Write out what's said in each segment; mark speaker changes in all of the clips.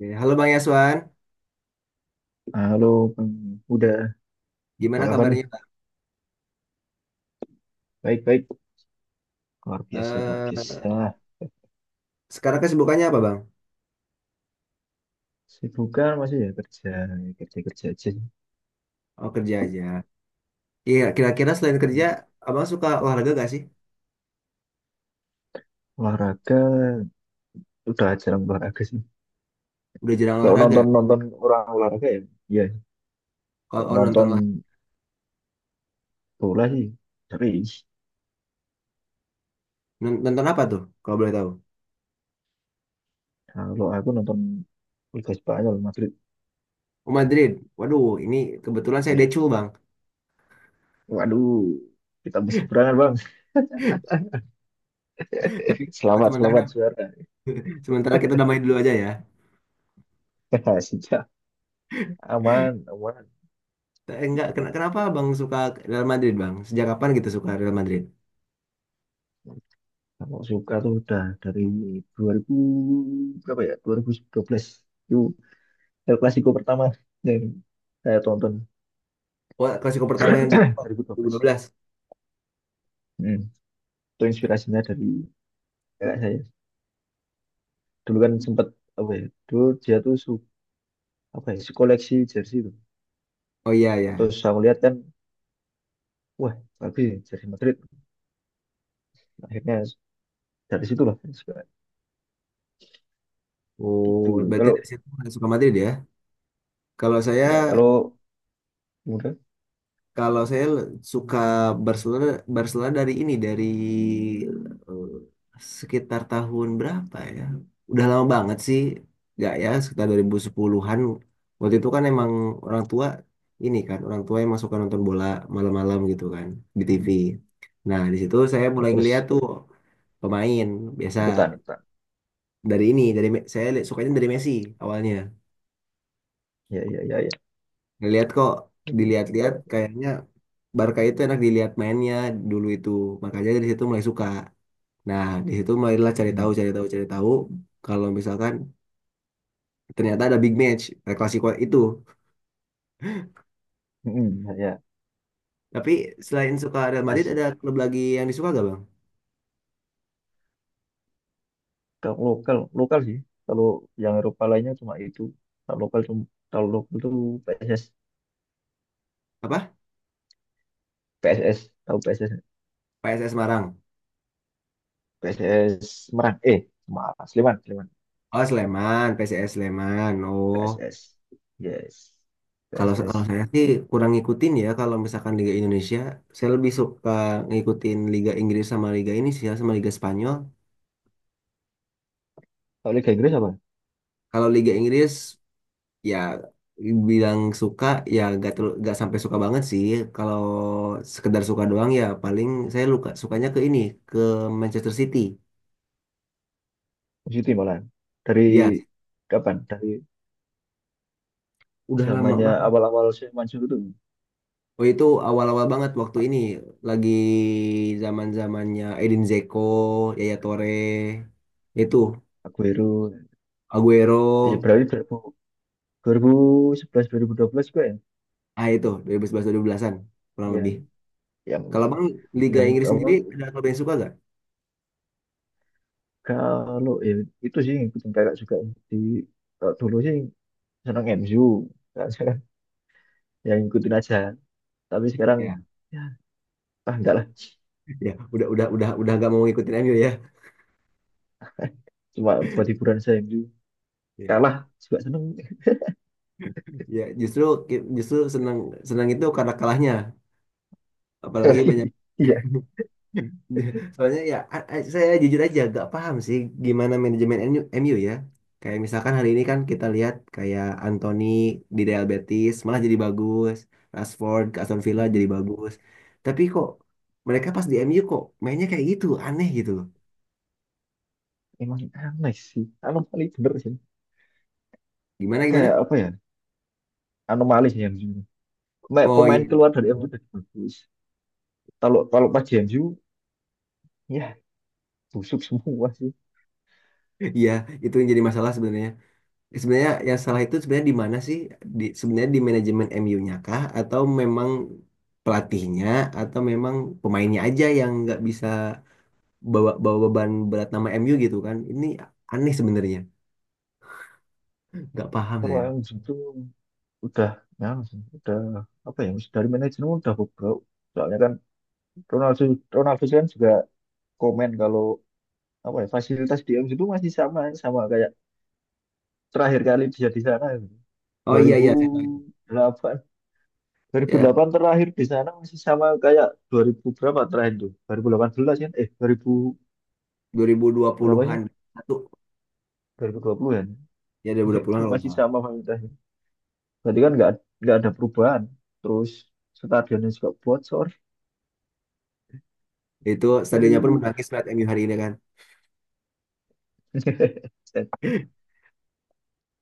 Speaker 1: Oke, halo Bang Yaswan,
Speaker 2: Halo, Bang Uda. Apa
Speaker 1: gimana
Speaker 2: kabar nih?
Speaker 1: kabarnya Bang?
Speaker 2: Baik, baik. Luar biasa, luar
Speaker 1: Eh,
Speaker 2: biasa.
Speaker 1: Sekarang kesibukannya apa Bang?
Speaker 2: Sibukan masih ya kerja, kerja kerja aja sih.
Speaker 1: Oh, kerja aja. Iya, kira-kira selain kerja, Abang suka olahraga gak sih?
Speaker 2: Olahraga, udah jarang olahraga sih.
Speaker 1: Udah jarang
Speaker 2: Kalau
Speaker 1: olahraga.
Speaker 2: nonton nonton orang olahraga ya, iya.
Speaker 1: Kalau
Speaker 2: Kalau
Speaker 1: nonton
Speaker 2: nonton
Speaker 1: lah,
Speaker 2: bola sih, tapi
Speaker 1: nonton apa tuh? Kalau boleh tahu?
Speaker 2: kalau aku nonton Liga Spanyol Madrid,
Speaker 1: Oh, Madrid. Waduh, ini kebetulan saya
Speaker 2: ya.
Speaker 1: decul Bang.
Speaker 2: Waduh, kita berseberangan bang.
Speaker 1: Tapi oh,
Speaker 2: Selamat,
Speaker 1: sementara
Speaker 2: selamat saudara.
Speaker 1: sementara kita damai dulu aja ya.
Speaker 2: Sejak Aman, aman.
Speaker 1: Enggak, kenapa Bang suka Real Madrid Bang? Sejak kapan gitu suka Real Madrid?
Speaker 2: Kalau suka tuh udah dari 2000 berapa ya? 2012. Itu El Clasico pertama yang saya tonton.
Speaker 1: Wah, Klasiko pertama yang dua ribu dua
Speaker 2: 2012.
Speaker 1: belas.
Speaker 2: Hmm. Itu inspirasinya dari kakak saya. Dulu kan sempat apa ya? Dulu dia tuh apa ya? Koleksi jersey itu.
Speaker 1: Oh, iya
Speaker 2: Terus
Speaker 1: ya.
Speaker 2: saya melihat kan, wah bagus ya, jersey Madrid. Akhirnya dari situ lah suka
Speaker 1: Oh,
Speaker 2: gitu.
Speaker 1: berarti
Speaker 2: Kalau
Speaker 1: dari situ udah suka Madrid ya. Kalau saya
Speaker 2: kalau kemudian
Speaker 1: Kalau saya suka Barcelona, Barcelona dari eh, sekitar tahun berapa ya? Udah lama banget sih. Nggak ya, sekitar 2010-an. Waktu itu kan emang orang tua, orang tua emang suka nonton bola malam-malam gitu kan di TV.
Speaker 2: mm,
Speaker 1: Nah, di situ saya
Speaker 2: oh,
Speaker 1: mulai ngeliat
Speaker 2: terus
Speaker 1: tuh pemain biasa
Speaker 2: ikutan ikutan.
Speaker 1: dari sukanya dari Messi awalnya.
Speaker 2: Ya, ya, ya, ya.
Speaker 1: Ngeliat kok, dilihat-lihat
Speaker 2: Sama.
Speaker 1: kayaknya Barca itu enak dilihat mainnya dulu itu, makanya dari situ mulai suka. Nah, di situ mulailah cari
Speaker 2: Hmm.
Speaker 1: tahu cari tahu cari tahu kalau misalkan ternyata ada big match, El Clasico itu.
Speaker 2: Hmm, ya, ya.
Speaker 1: Tapi selain suka Real Madrid
Speaker 2: Pas
Speaker 1: ada klub lagi yang disuka gak Bang?
Speaker 2: kalau lokal, lokal sih. Kalau yang Eropa lainnya cuma itu. Kalau lokal cuma kalau lokal tuh PSS.
Speaker 1: Apa?
Speaker 2: PSS Tahu PSS
Speaker 1: PSS Semarang,
Speaker 2: PSS Semarang, eh, Semarang, Sleman, Sleman.
Speaker 1: oh Sleman, PSS Sleman, oh.
Speaker 2: PSS, yes.
Speaker 1: Kalau kalau
Speaker 2: PSS.
Speaker 1: saya sih kurang ngikutin ya, kalau misalkan Liga Indonesia, saya lebih suka ngikutin Liga Inggris sama Liga ini sih ya, sama Liga Spanyol.
Speaker 2: Kalau Liga Inggris apa?
Speaker 1: Kalau Liga Inggris, ya bilang suka ya gak terlalu, gak sampai suka banget sih. Kalau sekedar suka doang ya paling saya luka sukanya ke Manchester City.
Speaker 2: Man City malah. Dari
Speaker 1: Ya,
Speaker 2: kapan? Dari
Speaker 1: udah lama
Speaker 2: zamannya
Speaker 1: banget.
Speaker 2: awal-awal saya, Mansur itu.
Speaker 1: Oh, itu awal-awal banget, waktu ini lagi zaman-zamannya Edin Dzeko, Yaya Toure, itu
Speaker 2: Aguero, ya
Speaker 1: Aguero.
Speaker 2: berarti 2000, 2011, 2012 gue ya.
Speaker 1: Itu 2011, 2012-an, kurang lebih.
Speaker 2: Yang, yang
Speaker 1: Kalau Bang, Liga
Speaker 2: yang
Speaker 1: Inggris
Speaker 2: apa?
Speaker 1: sendiri ada klub yang suka gak?
Speaker 2: Kalau ya, itu sih ngikutin kakak juga, di kalau dulu sih senang MU. Sekarang ya ngikutin aja, tapi sekarang
Speaker 1: Ya,
Speaker 2: ya, ah, enggak lah.
Speaker 1: ya, udah nggak mau ngikutin MU,
Speaker 2: Cuma buat hiburan, saya MU
Speaker 1: ya.
Speaker 2: kalah juga seneng.
Speaker 1: Ya, justru justru senang, senang itu karena kalahnya. Apalagi banyak.
Speaker 2: Iya,
Speaker 1: Soalnya ya, saya jujur aja gak paham sih gimana manajemen MU, MU ya. Kayak misalkan hari ini kan kita lihat kayak Anthony di Real Betis malah jadi bagus, Rashford ke Aston Villa jadi bagus. Tapi kok mereka pas di MU kok mainnya kayak gitu, aneh gitu loh.
Speaker 2: emang aneh sih, anomali bener sih.
Speaker 1: Gimana
Speaker 2: Kayak
Speaker 1: gimana?
Speaker 2: apa ya, anomali sih MU.
Speaker 1: Oh
Speaker 2: Pemain
Speaker 1: iya,
Speaker 2: keluar dari MU udah bagus. Kalau kalau pas di MU, ya busuk semua sih.
Speaker 1: iya itu yang jadi masalah sebenarnya. Sebenarnya yang salah itu sebenarnya di mana sih? Sebenarnya di manajemen MU-nya kah? Atau memang pelatihnya? Atau memang pemainnya aja yang nggak bisa bawa bawa beban berat nama MU gitu kan? Ini aneh sebenarnya. Nggak paham
Speaker 2: Kalau
Speaker 1: saya.
Speaker 2: yang itu udah, ya, udah apa ya, dari manajemen udah bobrok. Soalnya kan Ronaldo, kan juga komen kalau apa ya, fasilitas di MU itu masih sama sama kayak terakhir kali dia di sana gitu.
Speaker 1: Oh iya, iya, saya tahu.
Speaker 2: 2008,
Speaker 1: Ya,
Speaker 2: 2008 terakhir di sana masih sama kayak 2000 berapa, terakhir tuh 2018 kan, eh, 2000 berapa sih,
Speaker 1: 2020-an, satu.
Speaker 2: 2020 kan.
Speaker 1: Ya,
Speaker 2: Itu
Speaker 1: 2020-an kalau nggak
Speaker 2: masih
Speaker 1: salah.
Speaker 2: sama fasilitasnya, berarti kan nggak ada perubahan. Terus stadionnya juga bocor.
Speaker 1: Itu stadionnya pun
Speaker 2: Aduh.
Speaker 1: menangis melihat MU hari ini kan.
Speaker 2: Set.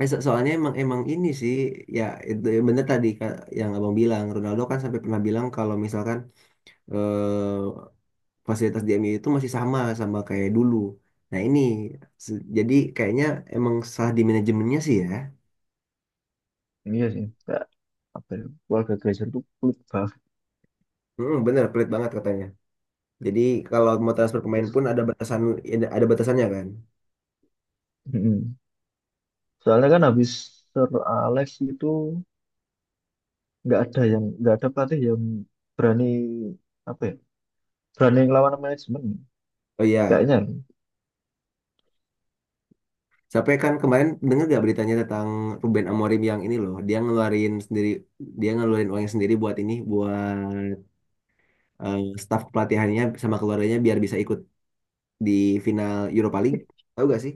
Speaker 1: Soalnya emang emang ini sih ya, itu bener tadi Kak, yang Abang bilang Ronaldo kan sampai pernah bilang kalau misalkan, eh, fasilitas di MU itu masih sama sama kayak dulu. Nah ini, jadi kayaknya emang salah di manajemennya sih ya.
Speaker 2: Iya sih, nggak apa ya, keluarga Glazer itu pelit banget.
Speaker 1: Mm, bener, pelit banget katanya. Jadi kalau mau transfer pemain
Speaker 2: Terus,
Speaker 1: pun ada batasannya kan.
Speaker 2: mm-mm. Soalnya kan habis Sir Alex itu nggak ada pelatih yang berani, apa ya, berani ngelawan manajemen
Speaker 1: Oh iya,
Speaker 2: kayaknya.
Speaker 1: sampai kan kemarin dengar gak beritanya tentang Ruben Amorim, yang ini loh, dia ngeluarin uangnya sendiri buat eh, staf pelatihannya sama keluarganya biar bisa ikut di final Europa League. Tahu gak sih?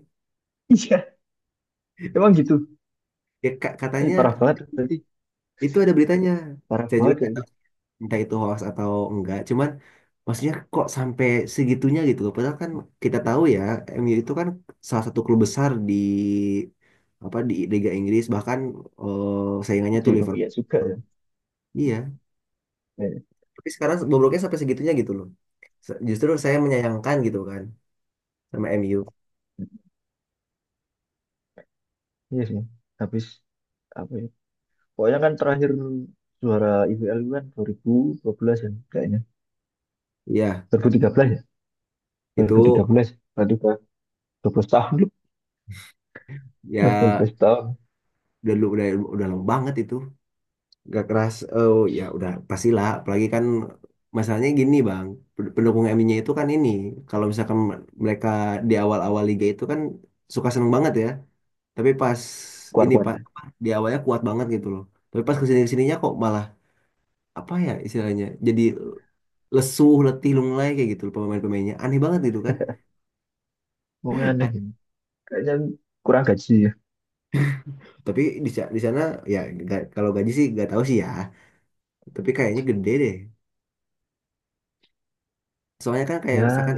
Speaker 2: Iya, emang gitu.
Speaker 1: Ya,
Speaker 2: Eh,
Speaker 1: katanya
Speaker 2: parah banget berarti,
Speaker 1: itu ada beritanya.
Speaker 2: parah
Speaker 1: Saya
Speaker 2: banget
Speaker 1: juga
Speaker 2: kayak gitu.
Speaker 1: entah itu hoax atau enggak, cuman maksudnya kok sampai segitunya gitu loh, padahal kan kita tahu ya, MU itu kan salah satu klub besar di Liga Inggris, bahkan saingannya tuh
Speaker 2: Di Indonesia juga
Speaker 1: Liverpool.
Speaker 2: ya.
Speaker 1: Iya,
Speaker 2: Eh,
Speaker 1: tapi sekarang bobroknya sampai segitunya gitu loh. Justru saya menyayangkan gitu kan sama MU.
Speaker 2: iya sih. Habis apa ya? Pokoknya kan terakhir juara IBL kan dua, 2012 ya kayaknya.
Speaker 1: Iya
Speaker 2: 2013 ya.
Speaker 1: itu,
Speaker 2: 2013. Berarti udah 12 tahun loh. Udah dua
Speaker 1: ya
Speaker 2: belas tahun.
Speaker 1: udah lu udah lama banget itu, gak keras. Oh, ya udah pastilah. Apalagi kan masalahnya gini Bang, pendukung MU-nya itu kan ini, kalau misalkan mereka di awal-awal liga itu kan suka seneng banget ya, tapi pas ini pas
Speaker 2: Keluar-keluar.
Speaker 1: apa, di awalnya kuat banget gitu loh, tapi pas kesini kesininya kok malah, apa ya istilahnya, jadi lesuh letih lunglai kayak gitu loh, pemain-pemainnya aneh banget gitu kan.
Speaker 2: Pokoknya aneh ini. Kayaknya kurang gaji ya.
Speaker 1: Tapi di sana ya kalau gaji sih gak tahu sih ya, tapi kayaknya gede deh, soalnya kan kayak
Speaker 2: Ya.
Speaker 1: misalkan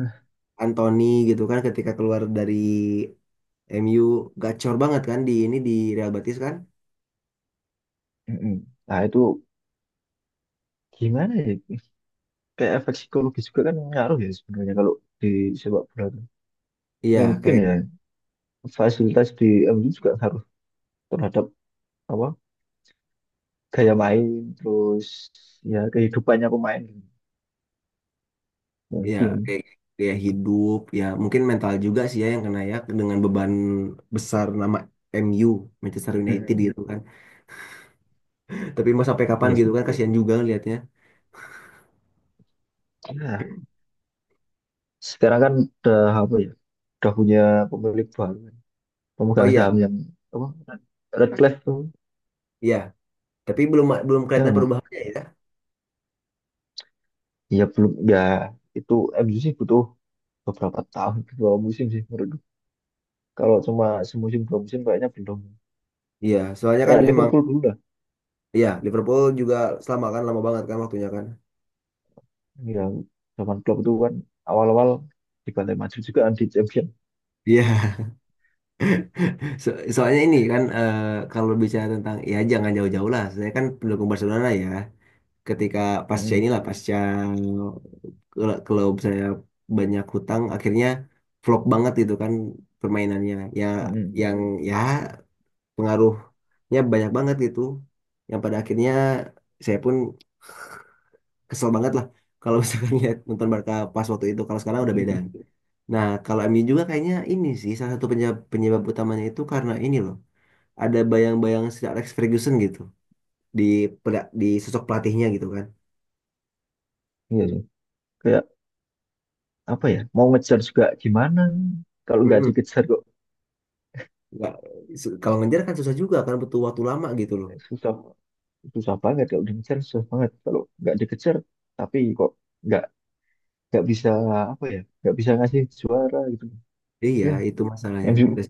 Speaker 1: Anthony gitu kan ketika keluar dari MU gacor banget kan di Real Betis kan?
Speaker 2: Mm-mm. Nah itu gimana ya? Kayak efek psikologi juga kan ngaruh ya sebenarnya kalau di sepak bola tuh.
Speaker 1: Iya,
Speaker 2: Mungkin ya fasilitas di MU juga ngaruh terhadap apa gaya main, terus ya kehidupannya pemain gitu.
Speaker 1: ya
Speaker 2: Mungkin.
Speaker 1: kayak dia hidup ya, mungkin mental juga sih ya yang kena ya, dengan beban besar nama MU, Manchester United
Speaker 2: Mm-mm.
Speaker 1: gitu kan. Tapi mau sampai kapan
Speaker 2: Iya
Speaker 1: gitu
Speaker 2: sih.
Speaker 1: kan, kasihan juga lihatnya.
Speaker 2: Nah, sekarang kan udah apa ya? Udah punya pemilik baru, kan.
Speaker 1: Oh
Speaker 2: Pemegang
Speaker 1: iya,
Speaker 2: saham yang apa? Redcliffe tuh.
Speaker 1: iya. Tapi belum belum
Speaker 2: Ya,
Speaker 1: kelihatan perubahannya ya.
Speaker 2: ya belum ya, itu MU sih butuh beberapa tahun, beberapa musim sih menurut. Kalau cuma semusim dua musim kayaknya belum.
Speaker 1: Iya, soalnya kan
Speaker 2: Kayak
Speaker 1: emang,
Speaker 2: Liverpool dulu lah.
Speaker 1: iya Liverpool juga, selama kan lama banget kan waktunya kan.
Speaker 2: Yang zaman Klopp itu kan awal-awal dibantai, maju juga kan di champion.
Speaker 1: Iya, soalnya ini kan, kalau bicara tentang, ya jangan jauh-jauh lah. Saya kan pendukung Barcelona ya. Ketika pasca
Speaker 2: Mm,
Speaker 1: inilah pasca kalau kalau misalnya banyak hutang, akhirnya flop banget gitu kan permainannya, ya
Speaker 2: mm.
Speaker 1: yang ya pengaruhnya banyak banget gitu, yang pada akhirnya saya pun kesel banget lah kalau misalkan lihat nonton Barca pas waktu itu. Kalau sekarang udah beda. Nah kalau MU juga kayaknya ini sih salah satu penyebab utamanya itu karena ini loh, ada bayang-bayang Sir Alex Ferguson gitu di di sosok pelatihnya gitu kan.
Speaker 2: Iya sih. Kayak apa ya? Mau ngejar juga gimana? Kalau nggak
Speaker 1: Mm-mm.
Speaker 2: dikejar kok,
Speaker 1: Nggak, kalau ngejar kan susah juga kan, butuh waktu lama gitu loh.
Speaker 2: eh, susah, susah banget. Kalau dikejar susah banget. Kalau nggak dikejar tapi kok nggak nggak bisa apa ya, nggak bisa ngasih juara gitu.
Speaker 1: Iya
Speaker 2: Ya,
Speaker 1: itu masalahnya
Speaker 2: MU.
Speaker 1: terus.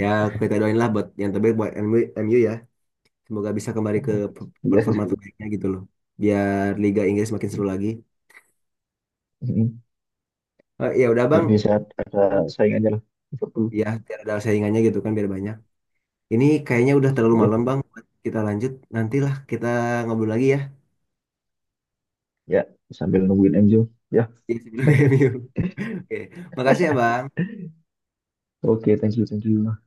Speaker 1: Ya, kita doain lah buat yang terbaik buat MU, ya semoga bisa kembali ke
Speaker 2: Iya sih.
Speaker 1: performa terbaiknya gitu loh, biar Liga Inggris makin
Speaker 2: Mm,
Speaker 1: seru lagi.
Speaker 2: mm.
Speaker 1: Ya udah Bang,
Speaker 2: Biar bisa ada saingannya lah. Liverpool.
Speaker 1: ya biar ada saingannya gitu kan, biar banyak. Ini kayaknya udah terlalu malam Bang, kita lanjut nantilah, kita ngobrol lagi ya.
Speaker 2: Ya, sambil nungguin MU. Ya,
Speaker 1: Di sebelum MU. Oke, makasih ya Bang.
Speaker 2: oke, thank you, thank you.